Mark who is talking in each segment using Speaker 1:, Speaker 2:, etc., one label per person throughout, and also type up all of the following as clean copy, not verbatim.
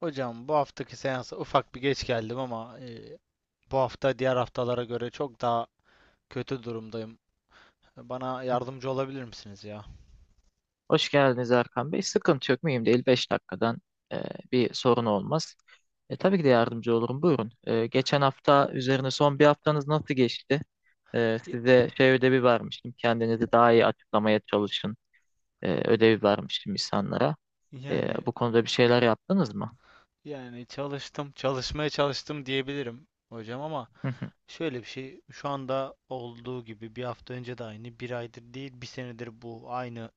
Speaker 1: Hocam, bu haftaki seansa ufak bir geç geldim ama bu hafta diğer haftalara göre çok daha kötü durumdayım. Bana yardımcı olabilir misiniz ya?
Speaker 2: Hoş geldiniz Erkan Bey. Sıkıntı yok, mühim değil. 5 dakikadan e, bir sorun olmaz. Tabii ki de yardımcı olurum. Buyurun. Geçen hafta üzerine son bir haftanız nasıl geçti?
Speaker 1: Y-
Speaker 2: Size şey ödevi vermiştim. Kendinizi daha iyi açıklamaya çalışın. Ödevi vermiştim insanlara.
Speaker 1: Yani
Speaker 2: Bu konuda bir şeyler yaptınız mı?
Speaker 1: yani çalıştım, çalışmaya çalıştım diyebilirim hocam, ama
Speaker 2: Hı hı,
Speaker 1: şöyle bir şey, şu anda olduğu gibi bir hafta önce de aynı, bir aydır değil, bir senedir bu aynı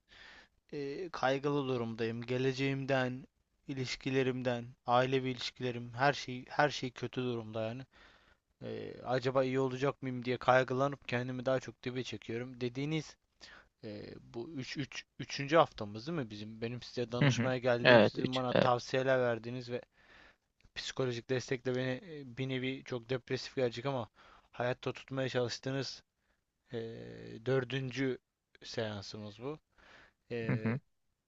Speaker 1: kaygılı durumdayım. Geleceğimden, ilişkilerimden, ailevi ilişkilerim, her şey her şey kötü durumda yani. Acaba iyi olacak mıyım diye kaygılanıp kendimi daha çok dibe çekiyorum. Dediğiniz bu 3. haftamız değil mi bizim? Benim size
Speaker 2: hı hı.
Speaker 1: danışmaya geldiğim,
Speaker 2: Evet,
Speaker 1: sizin
Speaker 2: üç.
Speaker 1: bana
Speaker 2: Evet.
Speaker 1: tavsiyeler verdiğiniz ve psikolojik destekle beni bir nevi, çok depresif gelecek ama, hayatta tutmaya çalıştığınız e, dördüncü seansımız bu.
Speaker 2: Hı
Speaker 1: E,
Speaker 2: hı,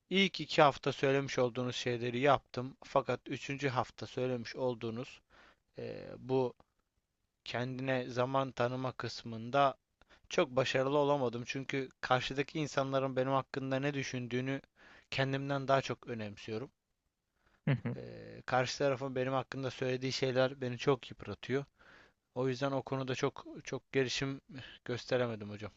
Speaker 1: ilk iki hafta söylemiş olduğunuz şeyleri yaptım. Fakat üçüncü hafta söylemiş olduğunuz bu kendine zaman tanıma kısmında çok başarılı olamadım, çünkü karşıdaki insanların benim hakkında ne düşündüğünü kendimden daha çok önemsiyorum.
Speaker 2: hı hı.
Speaker 1: Karşı tarafın benim hakkında söylediği şeyler beni çok yıpratıyor. O yüzden o konuda çok çok gelişim gösteremedim hocam.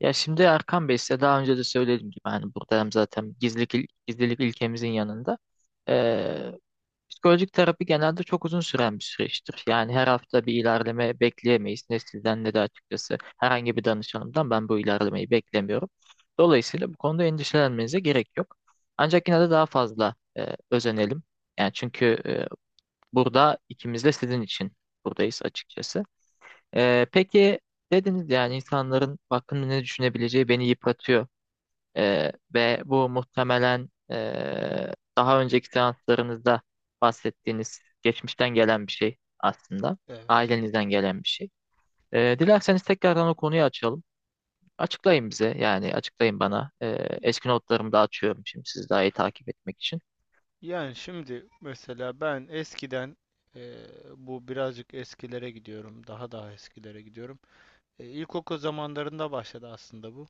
Speaker 2: Ya şimdi Erkan Bey, size daha önce de söylediğim gibi hani burada hem zaten gizlilik, gizlilik ilkemizin yanında ee, psikolojik terapi genelde çok uzun süren bir süreçtir. Yani her hafta bir ilerleme bekleyemeyiz. Ne sizden ne de açıkçası herhangi bir danışanımdan ben bu ilerlemeyi beklemiyorum. Dolayısıyla bu konuda endişelenmenize gerek yok. Ancak yine de daha fazla özenelim. Yani çünkü burada ikimiz de sizin için buradayız açıkçası. Peki dediniz yani insanların hakkında ne düşünebileceği beni yıpratıyor. Ve bu muhtemelen daha önceki seanslarınızda bahsettiğiniz geçmişten gelen bir şey aslında.
Speaker 1: Evet.
Speaker 2: Ailenizden gelen bir şey. Dilerseniz tekrardan o konuyu açalım. Açıklayın bize, yani açıklayın bana.
Speaker 1: Y-
Speaker 2: Eski notlarımı da açıyorum şimdi siz daha iyi takip etmek için.
Speaker 1: Yani şimdi mesela ben eskiden, eee, bu birazcık eskilere gidiyorum. Daha eskilere gidiyorum. İlkokul zamanlarında başladı aslında bu.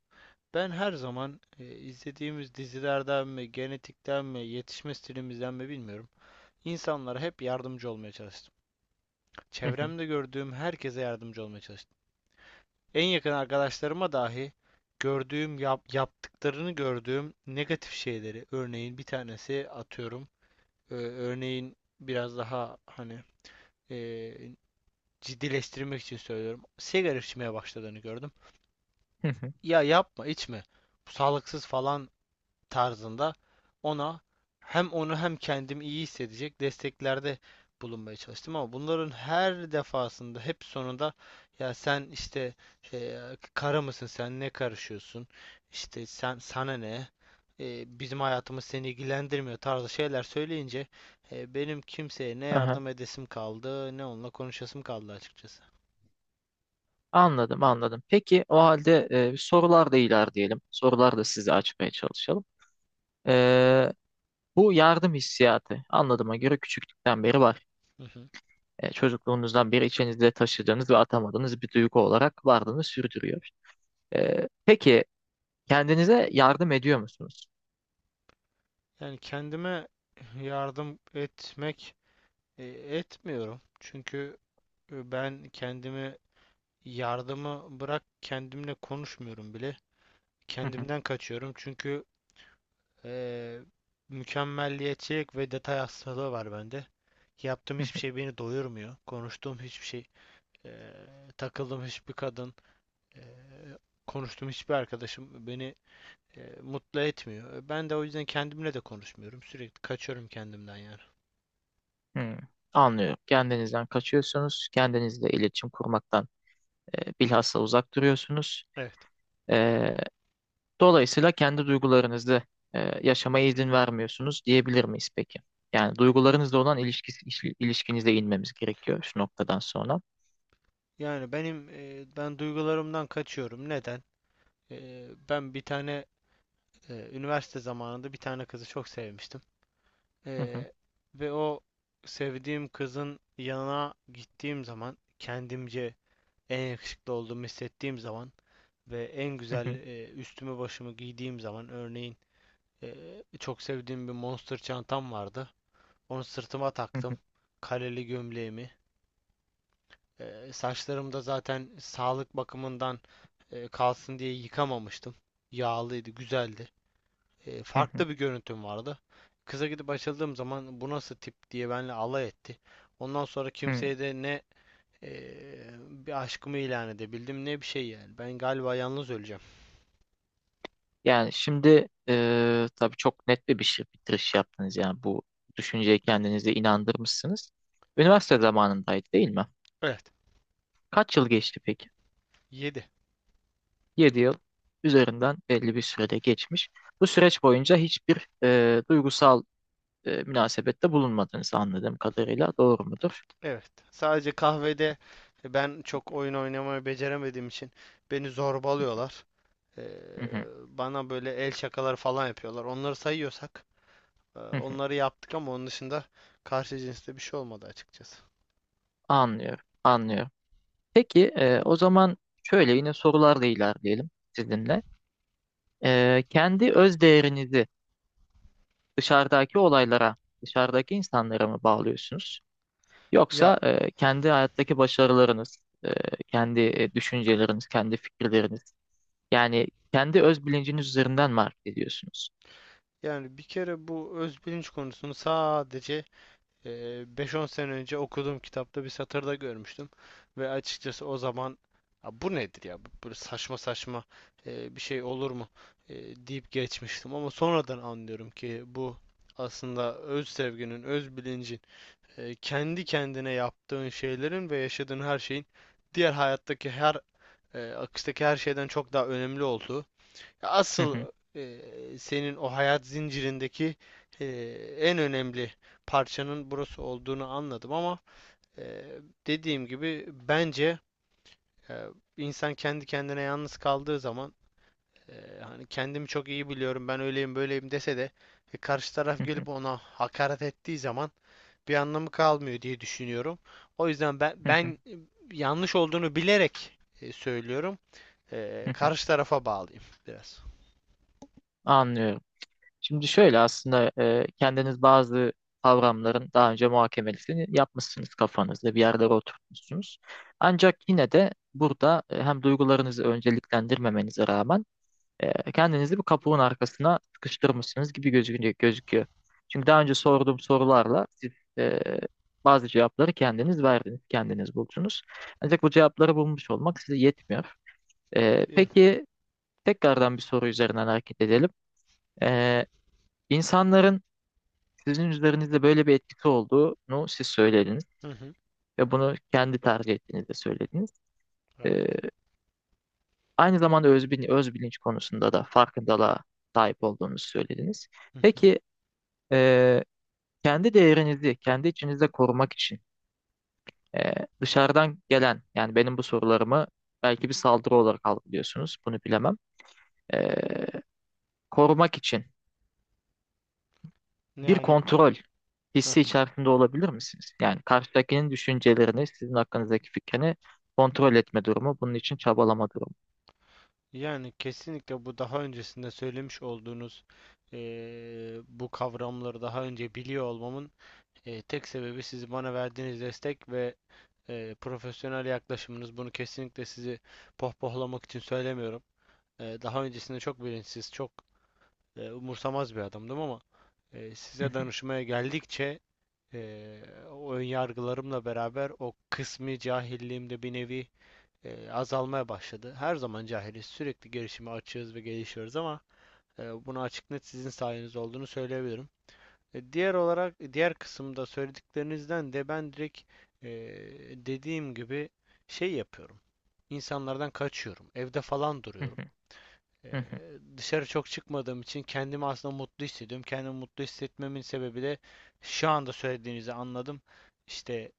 Speaker 1: Ben her zaman, izlediğimiz dizilerden mi, genetikten mi, yetişme stilimizden mi bilmiyorum, İnsanlara hep yardımcı olmaya çalıştım.
Speaker 2: Hı hı,
Speaker 1: Çevremde gördüğüm herkese yardımcı olmaya çalıştım. En yakın arkadaşlarıma dahi gördüğüm, yaptıklarını gördüğüm negatif şeyleri, örneğin bir tanesi, atıyorum, örneğin biraz daha hani, e, ciddileştirmek için söylüyorum, sigara içmeye başladığını gördüm.
Speaker 2: hı hı.
Speaker 1: Ya yapma, içme, bu sağlıksız falan tarzında, ona, hem onu hem kendimi iyi hissedecek desteklerde bulunmaya çalıştım, ama bunların her defasında hep sonunda, ya sen işte, e, kara mısın, sen ne karışıyorsun, işte sen sana ne, bizim hayatımız seni ilgilendirmiyor tarzı şeyler söyleyince, benim kimseye ne
Speaker 2: Aha,
Speaker 1: yardım edesim kaldı, ne onunla konuşasım kaldı açıkçası.
Speaker 2: anladım anladım. Peki o halde sorular da ilerleyelim. Sorular da size açmaya çalışalım. Ee, Bu yardım hissiyatı anladığıma göre küçüklükten beri var.
Speaker 1: Hı hı.
Speaker 2: Çocukluğunuzdan beri içinizde taşıdığınız ve atamadığınız bir duygu olarak varlığını sürdürüyor. Peki kendinize yardım ediyor musunuz?
Speaker 1: Yani kendime yardım etmek, e, etmiyorum, çünkü E, ben kendimi, yardımı bırak, kendimle konuşmuyorum bile.
Speaker 2: Hı hı,
Speaker 1: Kendimden kaçıyorum, çünkü e, mükemmelliyetçilik ve detay hastalığı var bende. Yaptığım
Speaker 2: hı
Speaker 1: hiçbir şey beni doyurmuyor. Konuştuğum hiçbir şey, e, takıldığım hiçbir kadın, e, konuştuğum hiçbir arkadaşım beni mutlu etmiyor. Ben de o yüzden kendimle de konuşmuyorum. Sürekli kaçıyorum kendimden yani.
Speaker 2: hı, hı. Anlıyorum. Kendinizden kaçıyorsunuz. Kendinizle iletişim kurmaktan bilhassa uzak duruyorsunuz.
Speaker 1: Evet.
Speaker 2: E, Dolayısıyla kendi duygularınızı e, yaşamaya izin vermiyorsunuz diyebilir miyiz peki? Yani duygularınızla olan ilişkisi, ilişkinize inmemiz gerekiyor şu noktadan sonra.
Speaker 1: Yani ben duygularımdan kaçıyorum. Neden? Ben bir tane üniversite zamanında bir tane kızı çok sevmiştim.
Speaker 2: Hı hı,
Speaker 1: Ee, Ve o sevdiğim kızın yanına gittiğim zaman, kendimce en yakışıklı olduğumu hissettiğim zaman ve en
Speaker 2: hı
Speaker 1: güzel
Speaker 2: hı,
Speaker 1: üstümü başımı giydiğim zaman, örneğin, e, çok sevdiğim bir Monster çantam vardı. Onu sırtıma
Speaker 2: hı hı,
Speaker 1: taktım. Kareli gömleğimi. Saçlarım da zaten sağlık bakımından kalsın diye yıkamamıştım. Yağlıydı, güzeldi.
Speaker 2: hı hı,
Speaker 1: Farklı bir görüntüm vardı. Kıza gidip açıldığım zaman, bu nasıl tip diye benimle alay etti. Ondan sonra
Speaker 2: hı.
Speaker 1: kimseye de ne e, bir aşkımı ilan edebildim, ne bir şey yani. Ben galiba yalnız öleceğim.
Speaker 2: Yani şimdi tabii çok net bir şey, bitiriş yaptınız yani bu düşünceye kendinizi inandırmışsınız. Üniversite zamanındaydı değil mi?
Speaker 1: Evet.
Speaker 2: Kaç yıl geçti peki?
Speaker 1: Yedi.
Speaker 2: 7 yıl üzerinden belli bir sürede geçmiş. Bu süreç boyunca hiçbir duygusal münasebette bulunmadınız anladığım kadarıyla, doğru mudur?
Speaker 1: Evet. Sadece kahvede, ben çok oyun oynamayı beceremediğim için, beni zorbalıyorlar. E,
Speaker 2: Hı hı,
Speaker 1: Bana böyle el şakaları falan yapıyorlar. Onları sayıyorsak,
Speaker 2: hı hı.
Speaker 1: onları yaptık, ama onun dışında karşı cinste bir şey olmadı açıkçası.
Speaker 2: Anlıyorum, anlıyorum. Peki o zaman şöyle yine sorularla ilerleyelim sizinle. Kendi öz değerinizi dışarıdaki olaylara, dışarıdaki insanlara mı bağlıyorsunuz? Yoksa
Speaker 1: Ya,
Speaker 2: kendi hayattaki başarılarınız, e, kendi düşünceleriniz, kendi fikirleriniz, yani kendi öz bilinciniz üzerinden mi hareket ediyorsunuz?
Speaker 1: yani bir kere bu öz bilinç konusunu sadece eee, 5-10 sene önce okuduğum kitapta bir satırda görmüştüm. Ve açıkçası o zaman, "Ya bu nedir ya? Böyle saçma saçma bir şey olur mu? Deyip geçmiştim. Ama sonradan anlıyorum ki bu aslında öz sevginin, öz bilincin, kendi kendine yaptığın şeylerin ve yaşadığın her şeyin, diğer hayattaki her akıştaki her şeyden çok daha önemli olduğu,
Speaker 2: Hı
Speaker 1: asıl
Speaker 2: hı,
Speaker 1: senin o hayat zincirindeki e, en önemli parçanın burası olduğunu anladım. Ama e, dediğim gibi, bence e, insan kendi kendine yalnız kaldığı zaman, hani, kendimi çok iyi biliyorum, ben öyleyim böyleyim dese de, karşı
Speaker 2: hı
Speaker 1: taraf
Speaker 2: hı,
Speaker 1: gelip ona hakaret ettiği zaman bir anlamı kalmıyor diye düşünüyorum. O yüzden
Speaker 2: hı hı,
Speaker 1: yanlış olduğunu bilerek söylüyorum.
Speaker 2: hı hı.
Speaker 1: Karşı tarafa bağlayayım biraz.
Speaker 2: Anlıyorum. Şimdi şöyle aslında kendiniz bazı kavramların daha önce muhakemesini yapmışsınız kafanızda, bir yerlere oturtmuşsunuz. Ancak yine de burada hem duygularınızı önceliklendirmemenize rağmen kendinizi bir kapuğun arkasına sıkıştırmışsınız gibi gözüküyor. Çünkü daha önce sorduğum sorularla siz e, bazı cevapları kendiniz verdiniz, kendiniz buldunuz. Ancak bu cevapları bulmuş olmak size yetmiyor.
Speaker 1: Yani.
Speaker 2: Peki tekrardan bir soru üzerinden hareket edelim. E, insanların sizin üzerinizde böyle bir etkisi olduğunu siz söylediniz
Speaker 1: Hı hı.
Speaker 2: ve bunu kendi tercih ettiğinizde söylediniz.
Speaker 1: Evet.
Speaker 2: E, Aynı zamanda öz, öz bilinç konusunda da farkındalığa sahip olduğunuzu söylediniz.
Speaker 1: Hı hı.
Speaker 2: Peki e, kendi değerinizi kendi içinizde korumak için e, dışarıdan gelen, yani benim bu sorularımı belki bir saldırı olarak algılıyorsunuz, bunu bilemem. E, Korumak için bir
Speaker 1: Yani
Speaker 2: kontrol
Speaker 1: heh,
Speaker 2: hissi içerisinde olabilir misiniz? Yani karşıdakinin düşüncelerini, sizin hakkınızdaki fikrini kontrol etme durumu, bunun için çabalama durumu.
Speaker 1: yani kesinlikle, bu daha öncesinde söylemiş olduğunuz bu kavramları daha önce biliyor olmamın tek sebebi, siz bana verdiğiniz destek ve profesyonel yaklaşımınız. Bunu kesinlikle sizi pohpohlamak için söylemiyorum. Daha öncesinde çok bilinçsiz, çok umursamaz bir adamdım, ama size danışmaya geldikçe, eee o ön yargılarımla beraber o kısmi cahilliğim de bir nevi azalmaya başladı. Her zaman cahiliz. Sürekli gelişime açığız ve gelişiyoruz, ama bunu açık net sizin sayeniz olduğunu söyleyebilirim. Diğer olarak, diğer kısımda söylediklerinizden de ben direkt, e, dediğim gibi, şey yapıyorum. İnsanlardan kaçıyorum. Evde falan duruyorum. E, Dışarı çok çıkmadığım için kendimi aslında mutlu hissediyorum. Kendimi mutlu hissetmemin sebebi de şu anda söylediğinizi anladım. İşte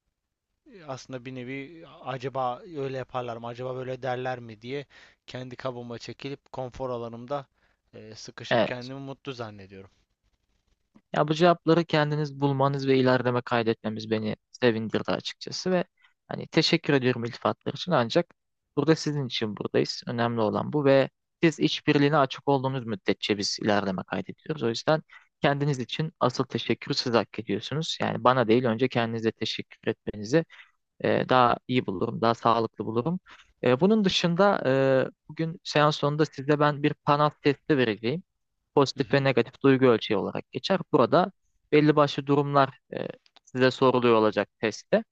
Speaker 1: aslında bir nevi, acaba öyle yaparlar mı, acaba böyle derler mi diye, kendi kabıma çekilip konfor alanımda sıkışıp kendimi mutlu zannediyorum.
Speaker 2: Ya bu cevapları kendiniz bulmanız ve ilerleme kaydetmemiz beni sevindirdi açıkçası ve hani teşekkür ediyorum iltifatlar için, ancak burada sizin için buradayız. Önemli olan bu ve siz işbirliğine açık olduğunuz müddetçe biz ilerleme kaydediyoruz. O yüzden kendiniz için asıl teşekkür siz hak ediyorsunuz. Yani bana değil önce kendinize teşekkür etmenizi daha iyi bulurum, daha sağlıklı bulurum. Bunun dışında bugün seans sonunda size ben bir panel testi vereceğim,
Speaker 1: Hı
Speaker 2: pozitif ve
Speaker 1: hı.
Speaker 2: negatif duygu ölçeği olarak geçer. Burada belli başlı durumlar size soruluyor olacak testte.